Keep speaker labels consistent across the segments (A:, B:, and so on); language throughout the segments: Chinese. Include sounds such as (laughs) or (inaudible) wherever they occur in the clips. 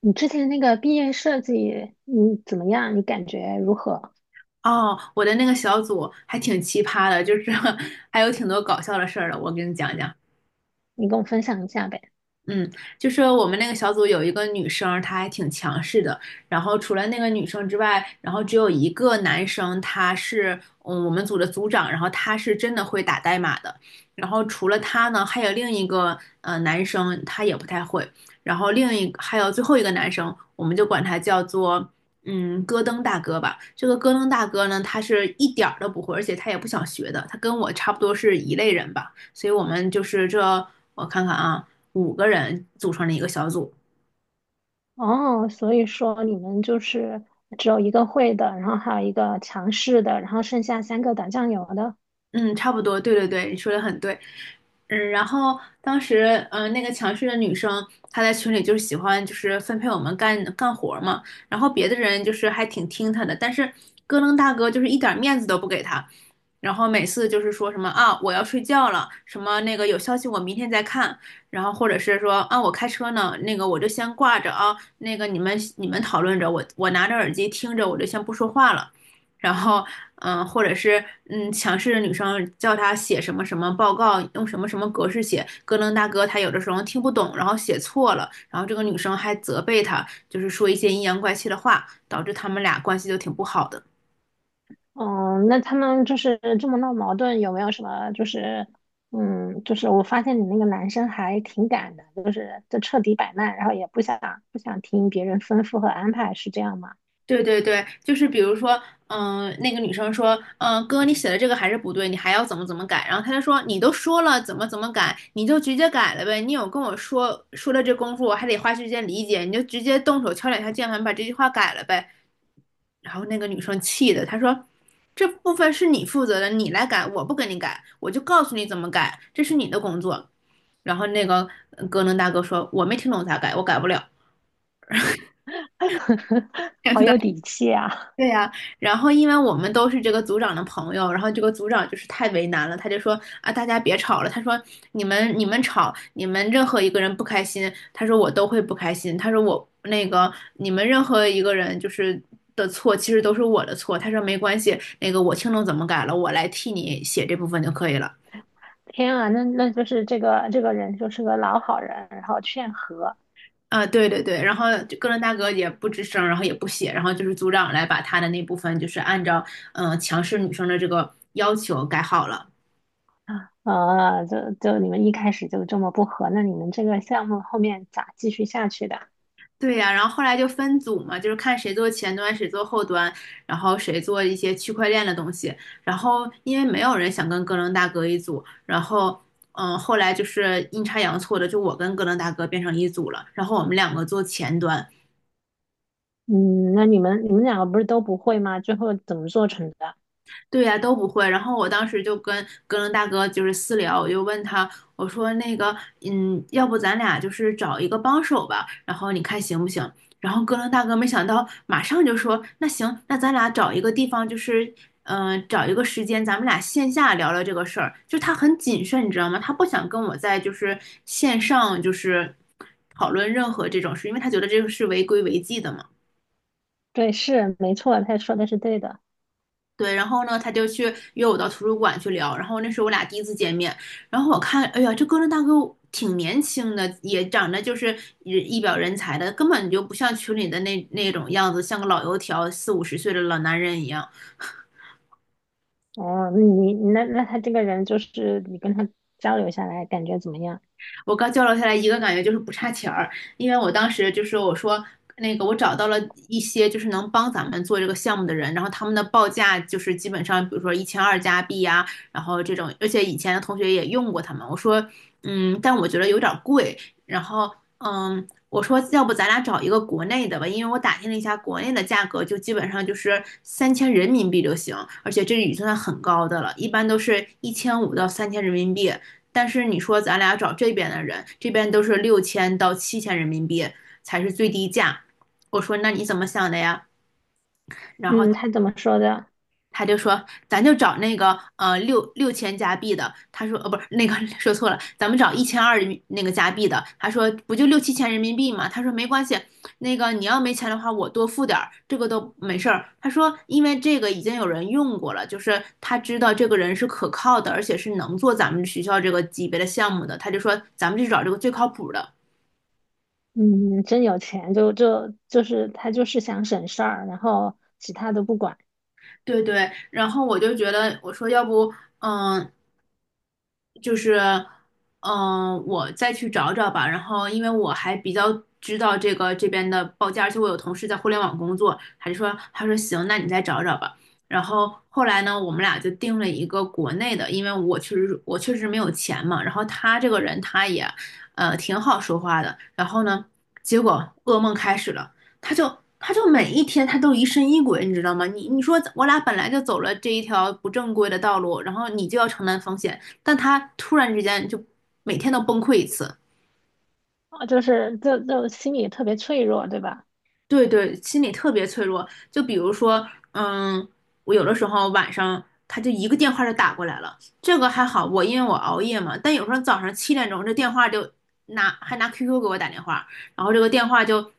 A: 你之前那个毕业设计，你怎么样？你感觉如何？
B: 哦，我的那个小组还挺奇葩的，就是 (laughs) 还有挺多搞笑的事儿的，我给你讲讲。
A: 你跟我分享一下呗。
B: 嗯，就是我们那个小组有一个女生，她还挺强势的。然后除了那个女生之外，然后只有一个男生，他是我们组的组长，然后他是真的会打代码的。然后除了他呢，还有另一个男生，他也不太会。然后还有最后一个男生，我们就管他叫做戈登大哥吧。这个戈登大哥呢，他是一点儿都不会，而且他也不想学的。他跟我差不多是一类人吧，所以我们就是我看看啊。五个人组成了一个小组。
A: 哦，所以说你们就是只有一个会的，然后还有一个强势的，然后剩下三个打酱油的。
B: 嗯，差不多，对对对，你说的很对。然后当时，那个强势的女生，她在群里就是喜欢就是分配我们干干活儿嘛，然后别的人就是还挺听她的，但是咯楞大哥就是一点面子都不给她，然后每次就是说什么啊我要睡觉了，什么那个有消息我明天再看，然后或者是说啊我开车呢，那个我就先挂着啊，那个你们讨论着，我拿着耳机听着，我就先不说话了。然后，或者是强势的女生叫他写什么什么报告，用什么什么格式写，咯楞大哥他有的时候听不懂，然后写错了，然后这个女生还责备他，就是说一些阴阳怪气的话，导致他们俩关系就挺不好的。
A: 哦，那他们就是这么闹矛盾，有没有什么就是，嗯，就是我发现你那个男生还挺敢的，就彻底摆烂，然后也不想听别人吩咐和安排，是这样吗？
B: 对对对，就是比如说，那个女生说，哥，你写的这个还是不对，你还要怎么怎么改？然后他就说，你都说了怎么怎么改，你就直接改了呗，你有跟我说说了这功夫，我还得花时间理解，你就直接动手敲两下键盘把这句话改了呗。然后那个女生气的，她说：“这部分是你负责的，你来改，我不给你改，我就告诉你怎么改，这是你的工作。”然后那个格能大哥说：“我没听懂咋改，我改不了。
A: (laughs) 好有
B: (laughs)”
A: 底气啊！
B: 对呀，然后因为我们都是这个组长的朋友，然后这个组长就是太为难了，他就说啊，大家别吵了。他说你们吵，你们任何一个人不开心，他说我都会不开心。他说我那个你们任何一个人就是的错，其实都是我的错。他说没关系，那个我听懂怎么改了，我来替你写这部分就可以了。
A: 天啊，那就是这个人就是个老好人，然后劝和。
B: 啊，对对对，然后就个伦大哥也不吱声，然后也不写，然后就是组长来把他的那部分就是按照强势女生的这个要求改好了。
A: 啊，就你们一开始就这么不和，那你们这个项目后面咋继续下去的？
B: 对呀，然后后来就分组嘛，就是看谁做前端，谁做后端，然后谁做一些区块链的东西。然后因为没有人想跟哥伦大哥一组，然后后来就是阴差阳错的，就我跟哥伦大哥变成一组了。然后我们两个做前端，
A: 嗯，那你们两个不是都不会吗？最后怎么做成的？
B: 对呀、都不会。然后我当时就跟哥伦大哥就是私聊，我就问他，我说那个，要不咱俩就是找一个帮手吧，然后你看行不行？然后哥伦大哥没想到，马上就说，那行，那咱俩找一个地方，就是，找一个时间，咱们俩线下聊聊这个事儿。就他很谨慎，你知道吗？他不想跟我在就是线上就是讨论任何这种事，因为他觉得这个是违规违纪的嘛。
A: 对，是没错，他说的是对的。
B: 对，然后呢，他就去约我到图书馆去聊，然后那是我俩第一次见面，然后我看，哎呀，这哥伦大哥挺年轻的，也长得就是一表人才的，根本就不像群里的那种样子，像个老油条，四五十岁的老男人一样。
A: 哦，那你他这个人就是你跟他交流下来感觉怎么样？
B: 我刚交流下来一个感觉就是不差钱儿，因为我当时就是我说那个我找到了一些就是能帮咱们做这个项目的人，然后他们的报价就是基本上比如说1200加币呀，然后这种，而且以前的同学也用过他们，我说但我觉得有点儿贵，然后嗯。我说，要不咱俩找一个国内的吧，因为我打听了一下，国内的价格就基本上就是三千人民币就行，而且这已经算很高的了，一般都是1500到3000人民币。但是你说咱俩找这边的人，这边都是6000到7000人民币才是最低价。我说那你怎么想的呀？然后
A: 嗯，他怎么说的？
B: 他就说，咱就找那个六千加币的。他说，不是那个 (laughs) 说错了，咱们找一千二那个加币的。他说，不就六七千人民币吗？他说没关系，那个你要没钱的话，我多付点儿，这个都没事儿。他说，因为这个已经有人用过了，就是他知道这个人是可靠的，而且是能做咱们学校这个级别的项目的。他就说，咱们就找这个最靠谱的。
A: 嗯，真有钱，就他就是想省事儿，然后其他都不管。
B: 对对，然后我就觉得，我说要不，嗯、就是，我再去找找吧。然后，因为我还比较知道这个这边的报价，而且我有同事在互联网工作，他就说，他说行，那你再找找吧。然后后来呢，我们俩就定了一个国内的，因为我确实没有钱嘛。然后他这个人他也，挺好说话的。然后呢，结果噩梦开始了，他就。他就每一天他都疑神疑鬼，你知道吗？你说我俩本来就走了这一条不正规的道路，然后你就要承担风险，但他突然之间就每天都崩溃一次，
A: 哦，就是心里特别脆弱，对吧？
B: 对对，心理特别脆弱。就比如说，嗯，我有的时候晚上他就一个电话就打过来了，这个还好，我因为我熬夜嘛，但有时候早上7点钟这电话就拿 QQ 给我打电话，然后这个电话就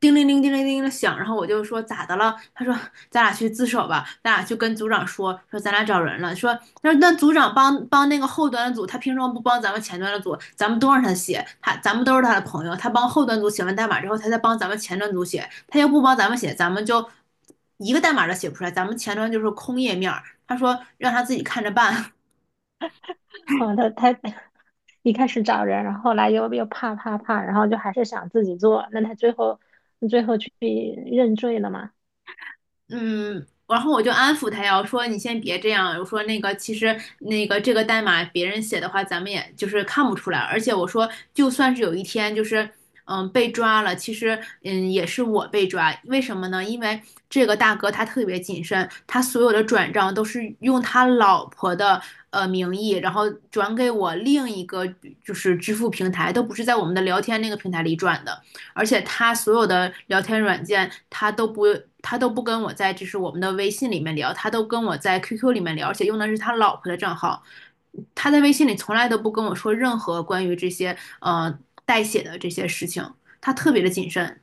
B: 叮铃铃叮铃铃的响，然后我就说咋的了？他说咱俩去自首吧，咱俩去跟组长说，说咱俩找人了，说那组长帮帮那个后端的组，他凭什么不帮咱们前端的组？咱们都让他写，咱们都是他的朋友，他帮后端组写完代码之后，他再帮咱们前端组写，他要不帮咱们写，咱们就一个代码都写不出来，咱们前端就是空页面他说让他自己看着办。
A: 哦，他 (laughs) 一开始找人，然后后来又怕，然后就还是想自己做。那他最后去认罪了嘛？
B: 嗯，然后我就安抚他呀，我说你先别这样，我说其实这个代码别人写的话，咱们也就是看不出来，而且我说就算是有一天就是被抓了，其实也是我被抓，为什么呢？因为这个大哥他特别谨慎，他所有的转账都是用他老婆的名义，然后转给我另一个就是支付平台，都不是在我们的聊天那个平台里转的。而且他所有的聊天软件，他都不他都不跟我在就是我们的微信里面聊，他都跟我在 QQ 里面聊，而且用的是他老婆的账号。他在微信里从来都不跟我说任何关于这些代写的这些事情，他特别的谨慎。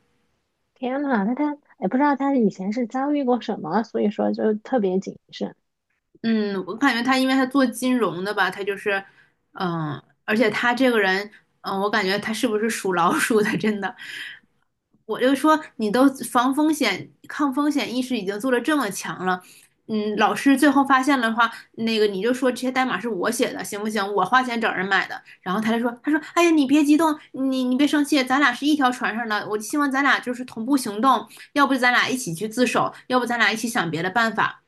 A: 天呐，那他也不知道他以前是遭遇过什么，所以说就特别谨慎。
B: 嗯，我感觉他，因为他做金融的吧，他就是，嗯，而且他这个人，嗯，我感觉他是不是属老鼠的？(laughs) 真的，我就说你都防风险、抗风险意识已经做得这么强了，嗯，老师最后发现了的话，那个你就说这些代码是我写的，行不行？我花钱找人买的。然后他就说，他说，哎呀，你别激动，你别生气，咱俩是一条船上的，我希望咱俩就是同步行动，要不咱俩一起去自首，要不咱俩一起想别的办法。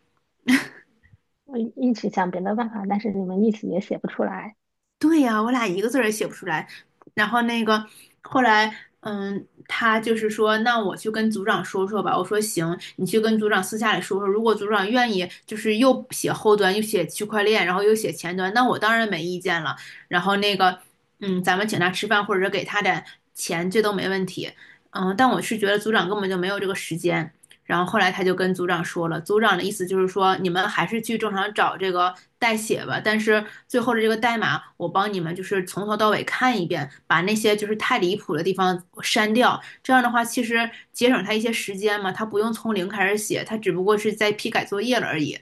A: 我一起想别的办法，但是你们一起也写不出来。
B: 对呀，我俩一个字儿也写不出来。然后那个后来，嗯，他就是说，那我去跟组长说说吧。我说行，你去跟组长私下里说说。如果组长愿意，就是又写后端，又写区块链，然后又写前端，那我当然没意见了。然后那个，嗯，咱们请他吃饭，或者是给他点钱，这都没问题。嗯，但我是觉得组长根本就没有这个时间。然后后来他就跟组长说了，组长的意思就是说，你们还是去正常找这个代写吧，但是最后的这个代码，我帮你们就是从头到尾看一遍，把那些就是太离谱的地方删掉。这样的话，其实节省他一些时间嘛，他不用从零开始写，他只不过是在批改作业了而已。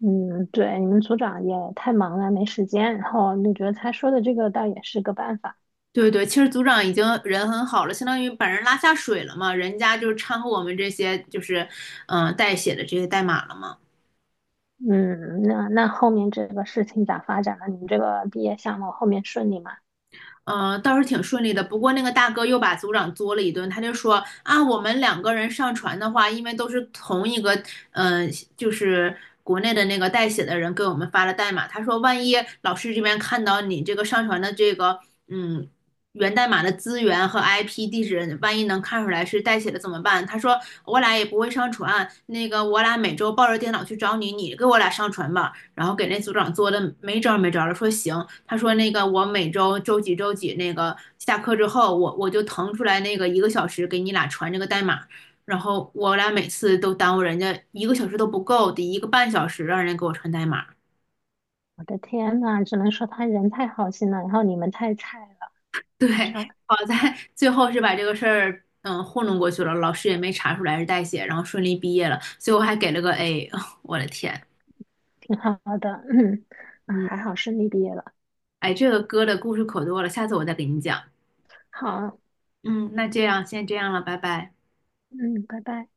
A: 嗯，对，你们组长也太忙了，没时间。然后你觉得他说的这个倒也是个办法。
B: 对对，其实组长已经人很好了，相当于把人拉下水了嘛，人家就是掺和我们这些就是，代写的这些代码了嘛。
A: 嗯，那那后面这个事情咋发展了？你们这个毕业项目后面顺利吗？
B: 嗯，倒是挺顺利的。不过那个大哥又把组长作了一顿，他就说啊，我们两个人上传的话，因为都是同一个，嗯、就是国内的那个代写的人给我们发了代码。他说，万一老师这边看到你这个上传的这个，嗯。源代码的资源和 IP 地址，万一能看出来是代写的怎么办？他说我俩也不会上传，那个我俩每周抱着电脑去找你，你给我俩上传吧。然后给那组长做的没招没招的，说行，他说那个我每周周几周几那个下课之后，我就腾出来那个一个小时给你俩传这个代码，然后我俩每次都耽误人家一个小时都不够，得1个半小时让人给我传代码。(laughs)
A: 我的天呐，只能说他人太好心了，然后你们太菜了，
B: 对，
A: 啥
B: 好在最后是把这个事儿糊弄过去了，老师也没查出来是代写，然后顺利毕业了，最后还给了个 A，(laughs) 我的天，
A: 挺好的，(clears throat) 嗯，啊，
B: 嗯，
A: 还好顺利毕业了，
B: 哎，这个歌的故事可多了，下次我再给你讲。
A: 好，
B: 嗯，那这样先这样了，拜拜。
A: 嗯，拜拜。